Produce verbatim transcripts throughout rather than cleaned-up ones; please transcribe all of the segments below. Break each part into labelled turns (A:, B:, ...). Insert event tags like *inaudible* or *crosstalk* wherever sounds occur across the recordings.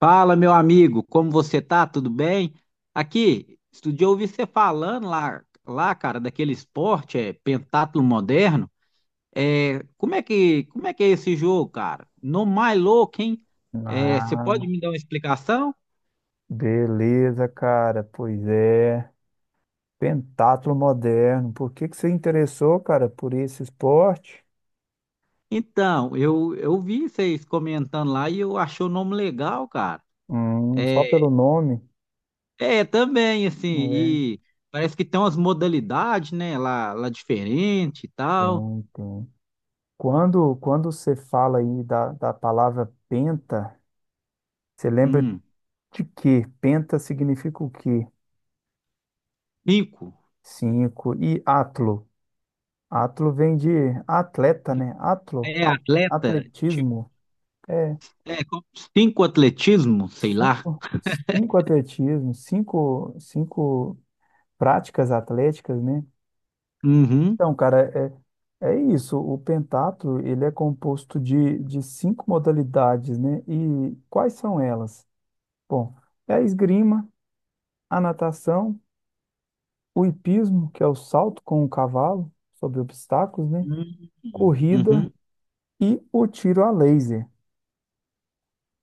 A: Fala, meu amigo, como você tá? Tudo bem? Aqui, estudei ouvir você falando lá, lá, cara, daquele esporte, é pentatlo moderno. É, como é que, como é que é esse jogo, cara? No mais louco, hein? É, você pode
B: Ah,
A: me dar uma explicação?
B: beleza, cara. Pois é. Pentatlo moderno. Por que que você interessou, cara, por esse esporte?
A: Então, eu, eu vi vocês comentando lá e eu achei o nome legal, cara.
B: Hum, só pelo
A: É,
B: nome?
A: é também assim,
B: É.
A: e parece que tem umas modalidades, né, lá, lá diferente e tal.
B: Tem, tem. Quando, quando você fala aí da, da palavra penta, você lembra
A: Hum,
B: de quê? Penta significa o quê?
A: cinco.
B: Cinco. E atlo? Atlo vem de atleta, né?
A: É
B: Atlo, a-
A: atleta, tipo,
B: atletismo. É.
A: é como cinco atletismo, sei lá.
B: Cinco, cinco atletismo, cinco, cinco práticas atléticas, né?
A: Uhum.
B: Então, cara, é, é isso. O pentatlo, ele é composto de, de cinco modalidades, né? E quais são elas? Bom, é a esgrima, a natação, o hipismo, que é o salto com o cavalo sobre obstáculos, né?
A: Uhum. Uhum.
B: Corrida e o tiro a laser.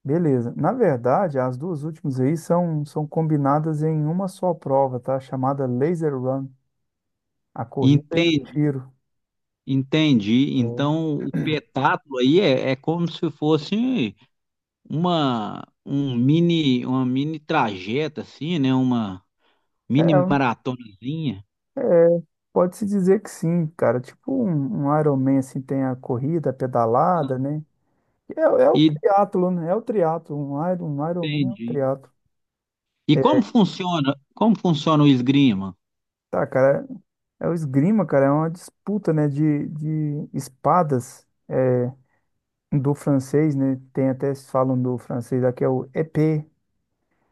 B: Beleza. Na verdade, as duas últimas aí são, são combinadas em uma só prova, tá? Chamada Laser Run. A corrida e o
A: Entendi,
B: tiro.
A: entendi.
B: É,
A: Então, o petáculo aí é, é como se fosse uma um mini uma mini trajeta assim, né? Uma mini maratonazinha.
B: é, é, Pode-se dizer que sim, cara. Tipo um, um Iron Man, assim, tem a corrida, a pedalada, né? É, é o triatlo, né? É o triatlo. Um Iron, um Iron Man é um
A: Entendi.
B: triatlo.
A: E como funciona? Como funciona o esgrima?
B: Tá, cara, é, é o esgrima, cara. É uma disputa, né, de, de espadas é, do francês, né? Tem até, se falam do francês aqui, é o épée,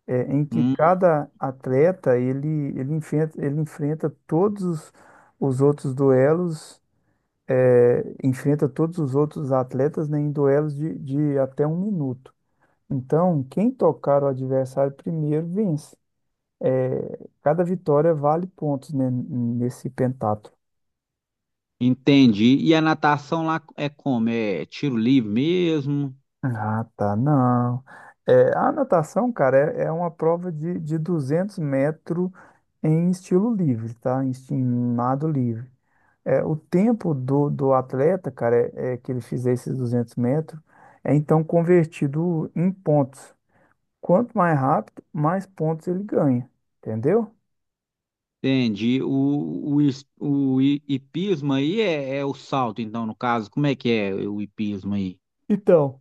B: é, em que
A: Hum,
B: cada atleta, ele, ele enfrenta, ele enfrenta todos os os outros duelos eh, enfrenta todos os outros atletas, né, em duelos de, de até um minuto. Então, quem tocar o adversário primeiro vence. Eh, cada vitória vale pontos, né, nesse pentatlo.
A: entendi. E a natação lá é como? É tiro livre mesmo?
B: Ah, tá, não. Eh, a natação, cara, é, é uma prova de, de duzentos metros em estilo livre, tá? Em esti- em nado livre. É, o tempo do, do atleta, cara, é, é que ele fizer esses duzentos metros, é então convertido em pontos. Quanto mais rápido, mais pontos ele ganha, entendeu?
A: Entendi. O, o, is- o i- hipismo aí é, é o salto, então, no caso. Como é que é o hipismo aí?
B: Então,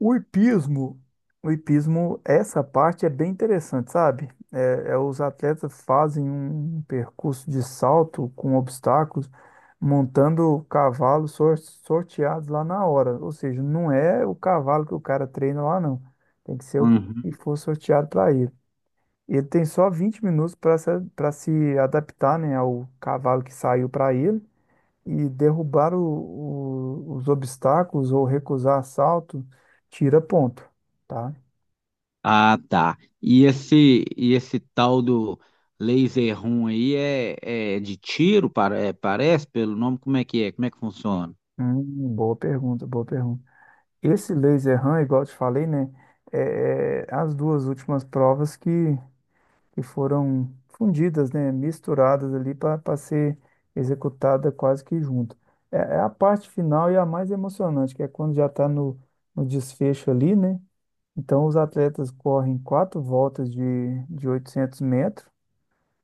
B: o hipismo, o hipismo, essa parte é bem interessante, sabe? É, é os atletas fazem um um percurso de salto com obstáculos, montando cavalos sor- sorteados lá na hora. Ou seja, não é o cavalo que o cara treina lá, não. Tem que ser o que que
A: Uhum.
B: for sorteado para ele. Ele tem só vinte minutos para se, para se adaptar, né, ao cavalo que saiu para ele e derrubar o- o- os obstáculos, ou recusar assalto tira ponto, tá?
A: Ah, tá. E esse, e esse tal do laser room aí é, é de tiro, para- é, parece, pelo nome? Como é que é? Como é que funciona?
B: Hum, boa pergunta, boa pergunta. Esse laser run, igual eu te falei, né? É, é as duas últimas provas que, que foram fundidas, né? Misturadas ali para ser executada quase que junto. É, é a parte final e a mais emocionante, que é quando já está no, no desfecho ali, né? Então, os atletas correm quatro voltas de, de oitocentos metros,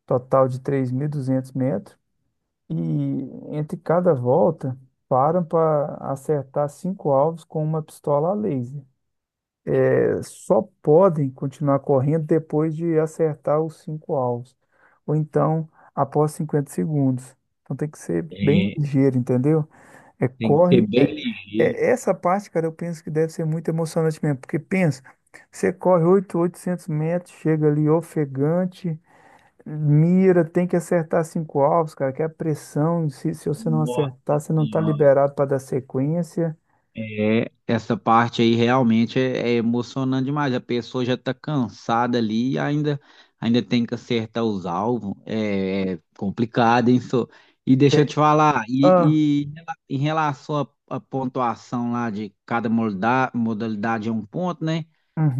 B: total de três mil e duzentos metros, e entre cada volta param para acertar cinco alvos com uma pistola a laser. Eh, Só podem continuar correndo depois de acertar os cinco alvos, ou então após cinquenta segundos. Então tem que ser bem
A: É,
B: ligeiro, entendeu? É
A: tem que ser
B: corre.
A: bem
B: É,
A: ligeiro.
B: é- essa parte, cara, eu penso que deve ser muito emocionante mesmo, porque pensa, você corre oito oitocentos metros, chega ali ofegante. Mira, tem que acertar cinco alvos, cara, que é a pressão. Se, se você não
A: Nossa
B: acertar, você não tá
A: Senhora.
B: liberado para dar sequência.
A: É, essa parte aí realmente é, é emocionante demais. A pessoa já está cansada ali e ainda, ainda tem que acertar os alvos. É, é complicado, hein, só. E deixa eu
B: É,
A: te falar,
B: ah,
A: e, e em relação à à pontuação lá de cada molda- modalidade é um ponto, né?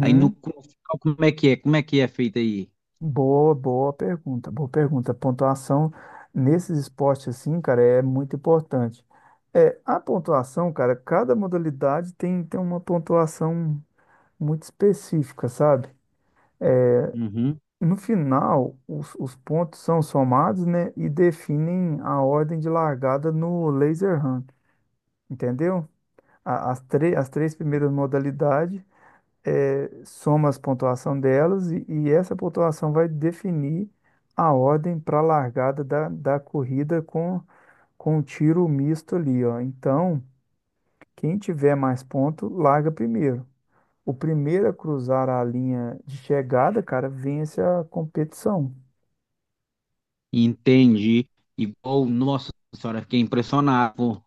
A: Aí no, no final, como é que é? Como é que é feito aí?
B: Boa, boa pergunta, boa pergunta. Pontuação nesses esportes assim, cara, é muito importante. É, a pontuação, cara, cada modalidade tem, tem uma pontuação muito específica, sabe?
A: Uhum.
B: No final, os, os pontos são somados, né, e definem a ordem de largada no laser hunt, entendeu? A- as, tre- as três primeiras modalidades, eh, soma as pontuação delas e, e essa pontuação vai definir a ordem para a largada da, da corrida com, com um tiro misto ali, ó. Então, quem tiver mais ponto, larga primeiro. O primeiro a cruzar a linha de chegada, cara, vence a competição.
A: Entendi. Igual, nossa senhora, fiquei impressionado.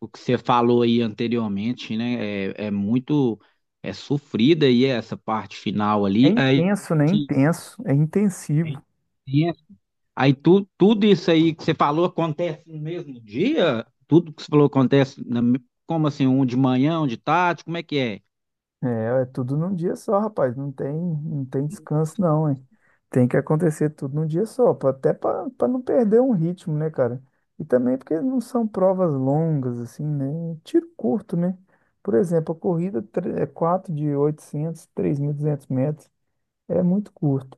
A: O que você falou aí anteriormente, né? É, é muito é sofrida aí essa parte final
B: É
A: ali. Aí,
B: intenso, né? Intenso, é
A: aí
B: intensivo.
A: aí tu, tudo isso aí que você falou acontece no mesmo dia? Tudo que você falou acontece na- como assim, um de manhã, um de tarde, como é que é?
B: É, é tudo num dia só, rapaz. Não tem, não tem descanso, não, hein? Tem que acontecer tudo num dia só, pra- até para não perder um ritmo, né, cara? E também porque não são provas longas, assim, né? Tiro curto, né? Por exemplo, a corrida tre- é quatro de oitocentos, duzentos metros. É muito curto.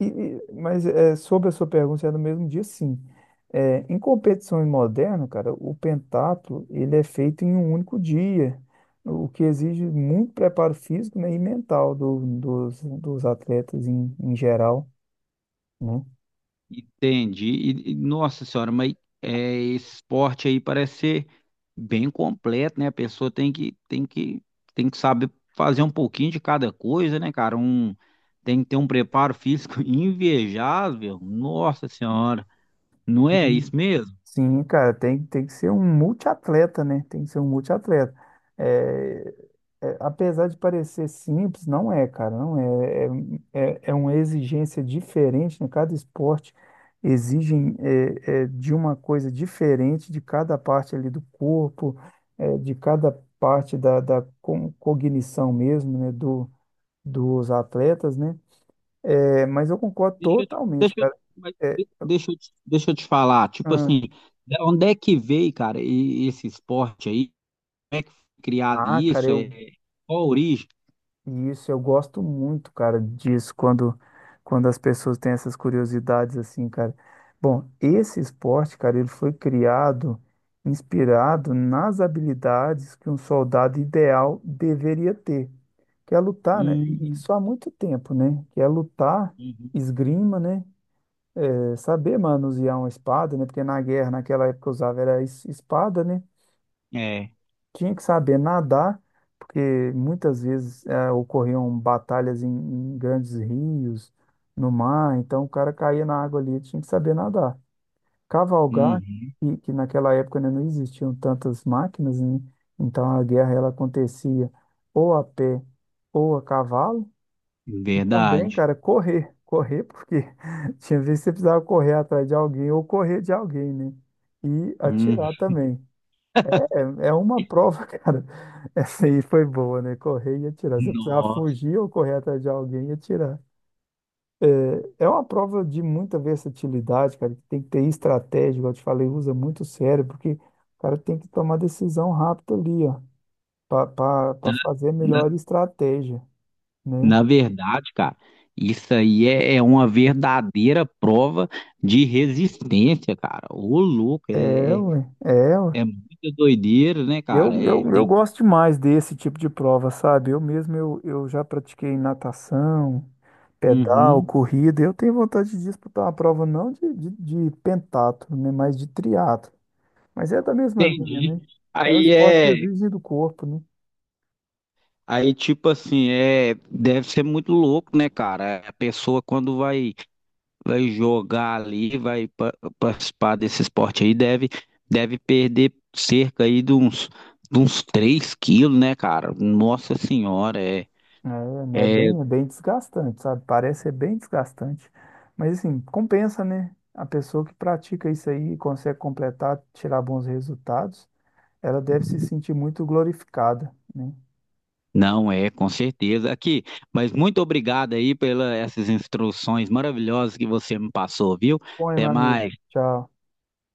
B: E, e- mas é, sobre a sua pergunta, se é no mesmo dia, sim. É, em competições modernas, cara, o pentatlo ele é feito em um único dia, o que exige muito preparo físico, né, e mental do- dos, dos atletas em, em geral, né?
A: Entendi. E, e, nossa senhora, mas é, esse esporte aí parece ser bem completo, né? A pessoa tem que, tem que, tem que saber fazer um pouquinho de cada coisa, né, cara? Um, tem que ter um preparo físico *laughs* invejável. Nossa senhora, não é
B: Sim,
A: isso mesmo?
B: sim, cara, tem, tem que ser um multiatleta, né? Tem que ser um multiatleta. É, é, apesar de parecer simples, não é, cara, não é. É, é, é uma exigência diferente, né? Cada esporte exige é, é, de uma coisa diferente de cada parte ali do corpo, é, de cada parte da, da co- cognição mesmo, né? Do, dos atletas, né? É, mas eu concordo
A: Deixa eu te,
B: totalmente,
A: deixa eu,
B: cara.
A: mas
B: É,
A: de- deixa eu te, deixa eu te falar, tipo
B: ah,
A: assim, da onde é que veio, cara, e- esse esporte aí? Como é que foi criado
B: ah, cara,
A: isso?
B: eu
A: É, qual a origem?
B: e Isso, eu gosto muito, cara, disso, quando, quando as pessoas têm essas curiosidades assim, cara. Bom, esse esporte, cara, ele foi criado, inspirado nas habilidades que um soldado ideal deveria ter, que é lutar, né? E
A: Hum,
B: isso há muito tempo, né? Que é lutar,
A: uhum.
B: esgrima, né? É saber manusear uma espada, né? Porque na guerra, naquela época, usava era es- espada, né?
A: É.
B: Tinha que saber nadar, porque muitas vezes eh, ocorriam batalhas em, em grandes rios, no mar, então o cara caía na água ali, tinha que saber nadar. Cavalgar,
A: Uhum,
B: que, que naquela época ainda não existiam tantas máquinas, né? Então a guerra ela acontecia ou a pé ou a cavalo, e também,
A: verdade.
B: cara, correr. Correr, porque *laughs* tinha vezes que você precisava correr atrás de alguém ou correr de alguém, né? E
A: Uhum.
B: atirar também. É, é uma prova, *laughs* cara. Essa aí foi boa, né? Correr e atirar. Você precisava
A: Nossa,
B: fugir ou correr atrás de alguém e atirar. É, é uma prova de muita versatilidade, cara. Que Tem que ter estratégia, igual eu te falei, usa muito o cérebro, porque o cara tem que tomar decisão rápida ali, ó, para fazer a
A: na,
B: melhor estratégia, né?
A: na verdade, cara, isso aí é, é uma verdadeira prova de resistência, cara. Ô, louco,
B: É,
A: é, é,
B: ué, é, ué.
A: é muita doideira, né,
B: Eu,
A: cara? É,
B: eu, eu
A: tem,
B: gosto demais desse tipo de prova, sabe? Eu mesmo, eu, eu já pratiquei natação, pedal,
A: uhum,
B: corrida. Eu tenho vontade de disputar uma prova não de, de, de pentatlo, né, mas de triatlo. Mas é da mesma linha,
A: entendi.
B: né? É um
A: Aí
B: esporte que
A: é,
B: exige do corpo, né?
A: aí tipo assim, é, deve ser muito louco, né, cara? A pessoa quando vai vai jogar ali, vai pa- participar desse esporte aí, deve, deve perder cerca aí de uns, de uns três quilos, né, cara? Nossa Senhora, é,
B: É, né? É
A: é,
B: bem, é bem desgastante, sabe? Parece ser bem desgastante. Mas assim, compensa, né? A pessoa que pratica isso aí e consegue completar, tirar bons resultados, ela deve se sentir muito glorificada, né?
A: não é, com certeza. Aqui, mas muito obrigado aí pelas essas instruções maravilhosas que você me passou, viu?
B: Bom, hein, meu
A: Até
B: amigo.
A: mais.
B: Tchau.